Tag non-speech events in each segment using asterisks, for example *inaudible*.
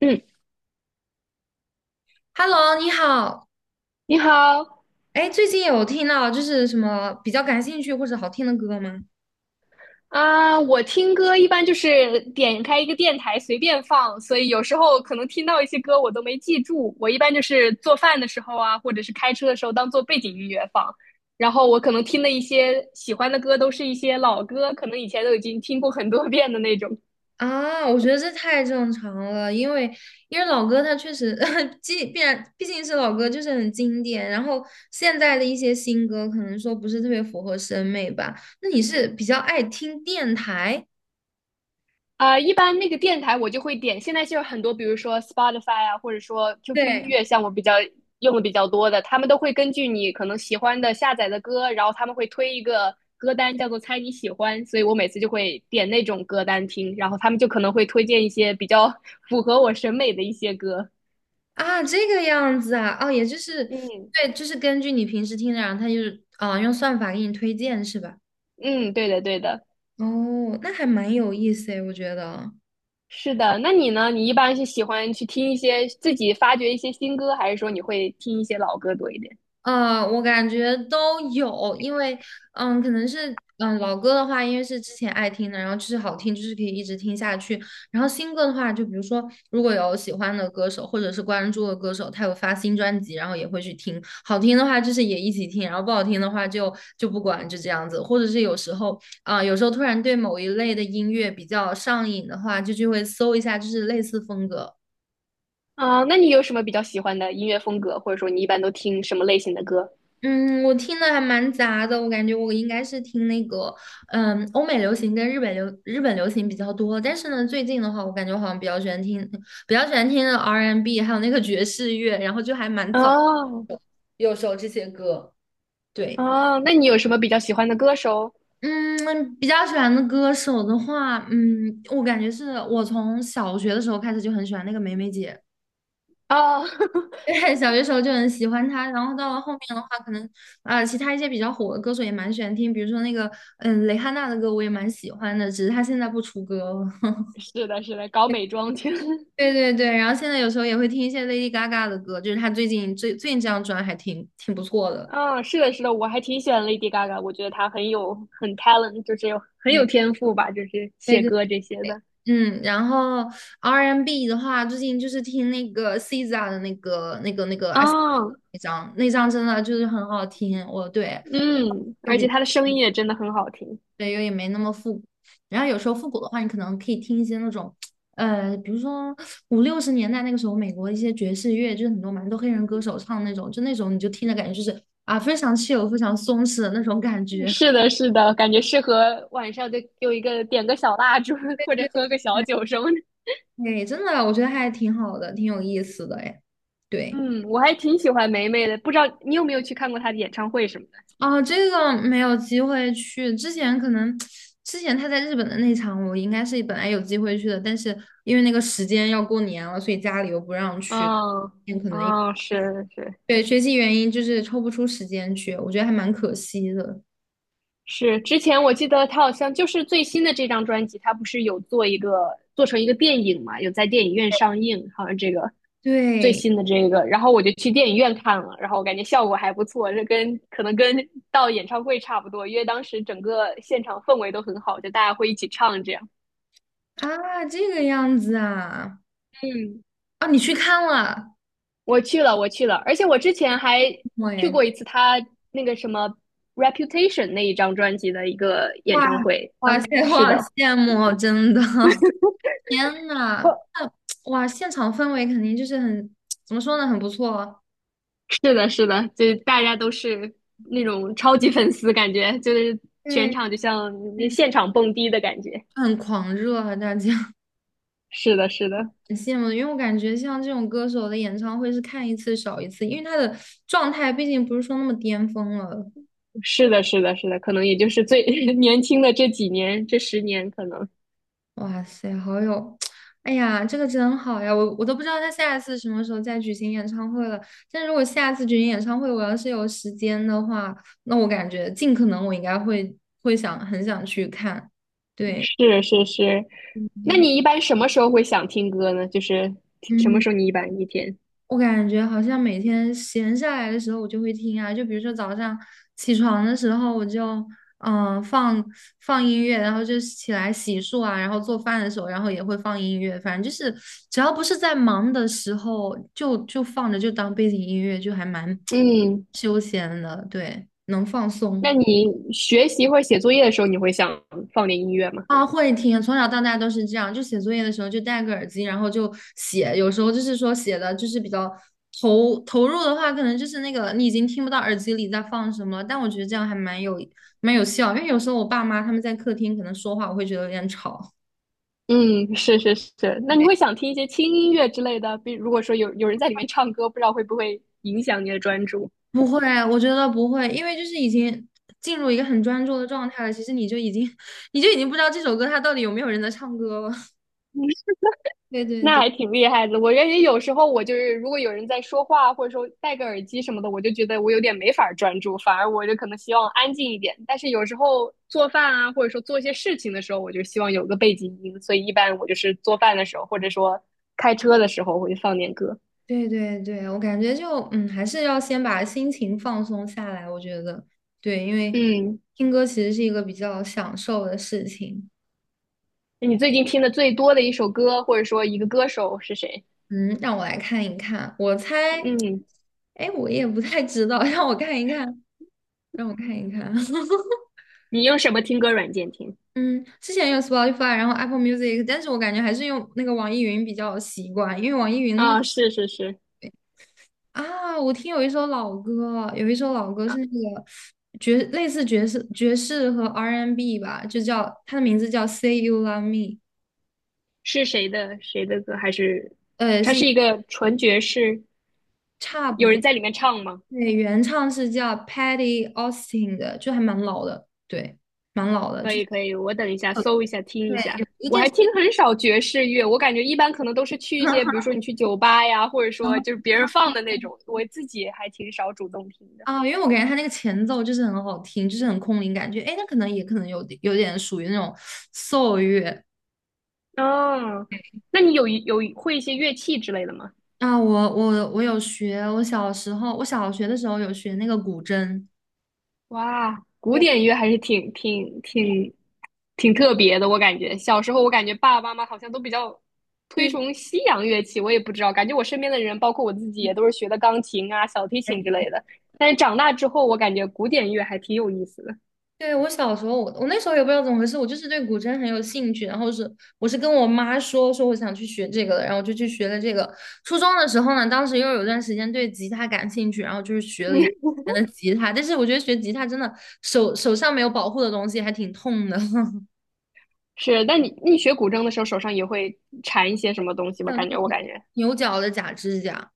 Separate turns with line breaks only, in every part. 嗯，
Hello,你好。
你好
哎，最近有听到什么比较感兴趣或者好听的歌吗？
啊，我听歌一般就是点开一个电台随便放，所以有时候可能听到一些歌我都没记住。我一般就是做饭的时候啊，或者是开车的时候当做背景音乐放。然后我可能听的一些喜欢的歌都是一些老歌，可能以前都已经听过很多遍的那种。
啊，我觉得这太正常了，因为老歌它确实，*laughs* 既必然毕竟是老歌，就是很经典。然后现在的一些新歌可能说不是特别符合审美吧。那你是比较爱听电台？
啊、一般那个电台我就会点，现在就有很多，比如说 Spotify 啊，或者说 QQ 音
对，
乐，像我比较用的比较多的，他们都会根据你可能喜欢的下载的歌，然后他们会推一个歌单叫做"猜你喜欢"，所以我每次就会点那种歌单听，然后他们就可能会推荐一些比较 *laughs* 符合我审美的一些歌。
啊，这个样子啊，哦，也就是
嗯
对，就是根据你平时听的，然后它就是啊，用算法给你推荐是吧？
嗯，对的对的，
哦，那还蛮有意思诶，我觉得。
是的。那你呢？你一般是喜欢去听一些自己发掘一些新歌，还是说你会听一些老歌多一点？
我感觉都有，因为可能是老歌的话，因为是之前爱听的，然后就是好听，就是可以一直听下去。然后新歌的话，就比如说如果有喜欢的歌手或者是关注的歌手，他有发新专辑，然后也会去听。好听的话就是也一起听，然后不好听的话就不管，就这样子。或者是有时候有时候突然对某一类的音乐比较上瘾的话，就会搜一下，就是类似风格。
啊，那你有什么比较喜欢的音乐风格，或者说你一般都听什么类型的歌？
嗯，我听的还蛮杂的，我感觉我应该是听那个，嗯，欧美流行跟日本流行比较多。但是呢，最近的话，我感觉我好像比较喜欢听的 R&B,还有那个爵士乐，然后就还蛮早，
哦
有时候这些歌。对，
哦，那你有什么比较喜欢的歌手？
嗯，比较喜欢的歌手的话，嗯，我感觉是我从小学的时候开始就很喜欢那个梅梅姐。
哦，*laughs*
对，小学时候就很喜欢他，然后到了后面的话，可能其他一些比较火的歌手也蛮喜欢听，比如说那个蕾哈娜的歌我也蛮喜欢的，只是她现在不出歌了。*laughs*
是的，是的，搞美妆去。*laughs*
对对对，然后现在有时候也会听一些 Lady Gaga 的歌，就是她最近这张专还挺不错的。
嗯，是的，是的，我还挺喜欢 Lady Gaga，我觉得她很有很 talent，就是有很有
对
天赋吧，就是
对
写
对，
歌这些的。
嗯，然后 R&B n 的话，最近就是听那个 SZA 的
啊，
那张，那张真的就是很好听，我对。
嗯，而且
比
她的声音也真的很好听。
对，又也没那么复古。然后有时候复古的话，你可能可以听一些那种，比如说五六十年代那个时候美国一些爵士乐，就是蛮多黑人歌手唱那种，就那种你就听着感觉就是啊，非常 非常松弛的那种感觉。*laughs*
是的，是的，感觉适合晚上就有一个点个小蜡烛，或者喝个小酒什么的。
对，真的，我觉得还挺好的，挺有意思的哎。对，
嗯，我还挺喜欢霉霉的，不知道你有没有去看过她的演唱会什么的？
哦，这个没有机会去，之前他在日本的那场，我应该是本来有机会去的，但是因为那个时间要过年了，所以家里又不让去，
嗯
可能。
嗯，是是
对，学习原因就是抽不出时间去，我觉得还蛮可惜的。
是，之前我记得她好像就是最新的这张专辑，她不是有做一个做成一个电影嘛，有在电影院上映，好像这个最
对，
新的这个，然后我就去电影院看了，然后我感觉效果还不错，这跟可能跟到演唱会差不多，因为当时整个现场氛围都很好，就大家会一起唱这样。
啊，这个样子啊，
嗯，
啊，你去看了？
我去了，我去了，而且我之前还去
喂，
过一次他那个什么《Reputation》那一张专辑的一个演
哇，
唱
*laughs*
会。嗯，
哇塞，我
是
好
的，
羡慕哦真的，*laughs* 天
哦
呐，那哇，现场氛围肯定就是很，怎么说呢，很不错，
是的，是的，就大家都是那种超级粉丝，感觉就是全
对，
场就像
对，
现场蹦迪的感觉。
很狂热啊，大家 *laughs*
是的，是的，
很羡慕，因为我感觉像这种歌手的演唱会是看一次少一次，因为他的状态毕竟不是说那么巅峰了。
是的，是的，是的，可能也就是最 *laughs* 年轻的这几年，这十年可能
哇塞，好有，*tsk* 哎呀，这个真好呀！我都不知道他下一次什么时候再举行演唱会了。但如果下次举行演唱会，我要是有时间的话，那我感觉尽可能我应该会很想去看。对，
是是是。那你一般什么时候会想听歌呢？就是什么
嗯。
时候你一般一天？
我感觉好像每天闲下来的时候，我就会听啊，就比如说早上起床的时候，我就嗯、呃放放音乐，然后就起来洗漱啊，然后做饭的时候，然后也会放音乐，反正就是只要不是在忙的时候，就放着就当背景音乐，就还蛮
嗯。
*tsk* 休闲的，对，能放
那
松。
你学习或者写作业的时候，你会想放点音乐吗？
啊，会听，从小到大都是这样，就写作业的时候就戴个耳机，然后就写，有时候就是说写的就是比较投入的话，可能就是那个你已经听不到耳机里在放什么了，但我觉得这样还蛮有效，因为有时候我爸妈他们在客厅可能说话，我会觉得有点吵。
嗯，是是是。那你会想听一些轻音乐之类的？比如果说有人在里面唱歌，不知道会不会影响你的专注？
不会，我觉得不会，因为就是已经进入一个很专注的状态了，其实你就已经 *laughs* 你就已经不知道这首歌它到底有没有人在唱歌了。*laughs* 对对
那
对。
还挺厉害的。我感觉有时候我就是，如果有人在说话，或者说戴个耳机什么的，我就觉得我有点没法儿专注，反而我就可能希望安静一点。但是有时候做饭啊，或者说做一些事情的时候，我就希望有个背景音，所以一般我就是做饭的时候，或者说开车的时候，我就放点歌。
对对对，我感觉就嗯，还是要先把心情放松下来。我觉得对，因为
嗯，
听歌其实是一个比较享受的事情。
你最近听的最多的一首歌，或者说一个歌手是谁？
嗯，让我来看一看，我猜，
嗯，
哎，我也不太知道，*laughs* 让我看一看，让我看一看。*laughs*
你用什么听歌软件听？
嗯，之前用 Spotify,然后 Apple Music,但是我感觉还是用那个网易云比较习惯，因为网易云的话。
啊，是是是，
啊，我有一首老歌，是
啊，
那个类似爵士、爵士和 R&B N 吧，就叫它的名字叫《Say You Love Me》,
是谁的谁的歌？还是
呃，
它
是
是
一
一个纯爵士？
差不
有
多。
人在里面唱吗？
对，原唱是叫 Patty Austin 的，就还蛮老的，对，蛮老的，
可
就是
以可以，我等一下搜一下听
对，
一下。
有
我还听很少爵士乐，我感觉一般可能都是去一些，比如说你去酒吧呀，或者说就是别人放的那种，我自己还挺少主动听的。
啊，因为我感觉他那个前奏就是很好听，就是很空灵感觉，哎，那可能也可能有点属于那种 s 乐
哦，那你有一有一会一些乐器之类的吗？
啊。我有学，我小时候小学的时候有学那个古筝。
哇，古
对
典乐还是挺特别的，我感觉小时候我感觉爸爸妈妈好像都比较推
对。
崇西洋乐器，我也不知道，感觉我身边的人，包括我自己，也都是学的钢琴啊、小提琴之类的。但是长大之后，我感觉古典乐还挺有意思的。
对，我小时候，我那时候也不知道怎么回事，我就是对古筝很有兴趣，然后是我是跟我妈说我想去学这个的，然后我就去学了这个。初中的时候呢，当时又有段时间对吉他感兴趣，然后就是学了一
*laughs*
年的吉他，但是我觉得学吉他真的手上没有保护的东西还挺痛的，*laughs*
是，那你学古筝的时候，手上也会缠一些什么东西吗？
像那
感
个
觉我感觉。
牛角的假指甲。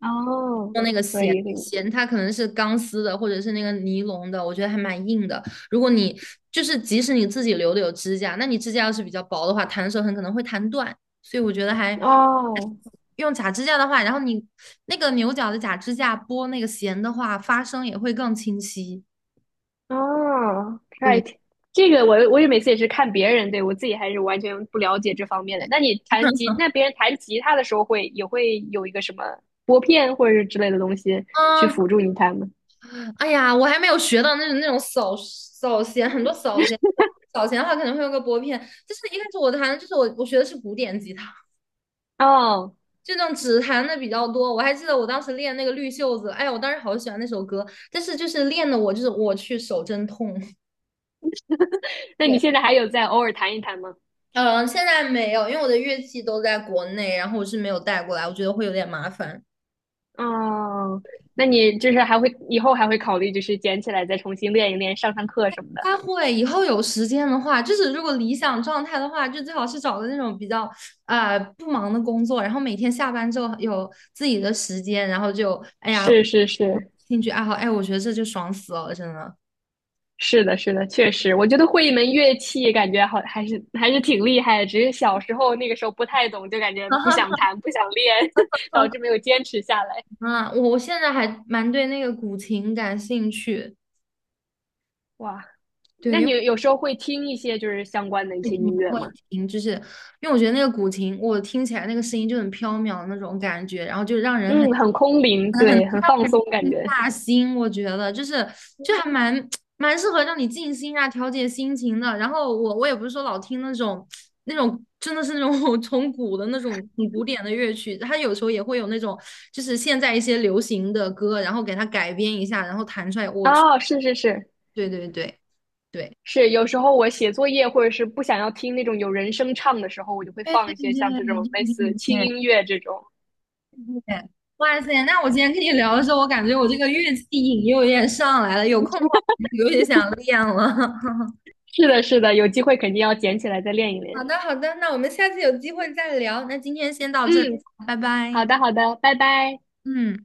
哦，
用那个
可
弦
以，可以。
弦，它可能是钢丝的，或者是那个尼龙的，我觉得还蛮硬的。如果你就是即使你自己留的有指甲，那你指甲要是比较薄的话，弹的时候很可能会弹断。所以我觉得还
哦，
用假指甲的话，然后你那个牛角的假指甲拨那个弦的话，发声也会更清晰。
哦
对，
，right，这个我也每次也是看别人，对，我自己还是完全不了解这方面的。那你弹吉，
*laughs*
那别人弹吉他的时候会也会有一个什么拨片或者是之类的东西去
嗯，
辅助你弹吗？
哎呀，我还没有学到那种弦，很多扫弦，扫弦的话可能会用个拨片。就是一开始我弹，就是我学的是古典吉他，
哦，
这种指弹的比较多。我还记得我当时练那个绿袖子，哎呀，我当时好喜欢那首歌，但是就是练的我就是我去手真痛。*laughs*
那
对，
你现在还有在偶尔弹一弹吗？
嗯，现在没有，因为我的乐器都在国内，然后我是没有带过来，我觉得会有点麻烦。
哦，那你就是还会以后还会考虑就是捡起来再重新练一练，上上课什么的。
他会以后有时间的话，就是如果理想状态的话，就最好是找个那种比较不忙的工作，然后每天下班之后有自己的时间，然后就哎呀
是是是，
兴趣爱好，哎，我觉得这就爽死了，真的。
是的，是的，确实，我觉得会一门乐器，感觉好还是还是挺厉害的。只是小时候那个时候不太懂，就感觉不想
*laughs*
弹，不想练，*laughs* 导致没有坚持下来。
啊，我现在还蛮对那个古琴感兴趣，
哇，
对，
那
因
你
为
有时候会听一些就是相关的一
我也
些
挺
音乐
会
吗？
听，就是因为我觉得那个古琴，我听起来那个声音就很飘渺的那种感觉，然后就让人很
嗯，很空灵，
很很
对，很放
让人
松感觉。
打心，我觉得就是就还蛮 *tsk* 蛮适合让你静心啊，调节心情的。然后我也不是说老听那种真的是那种 *laughs* 从古的那种很古典的乐曲，它有时候也会有那种就是现在一些流行的歌，然后给它改编一下，然后弹出来，我去，
哦，是是是
对对对。对，
是，有时候我写作业或者是不想要听那种有人声唱的时候，我就会
对
放
对
一些像这
对
种类似轻音
对
乐这种。
对对，哇塞！那我今天跟你聊的时候，我感觉我这个乐器瘾又有点上来了，有空的话我就有点想练了。*laughs*
是的，是的，有机会肯定要捡起来再练一
好
练。
的，好的，那我们下次有机会再聊。那今天先到这，
嗯，
拜拜。
好的，好的，拜拜。
嗯。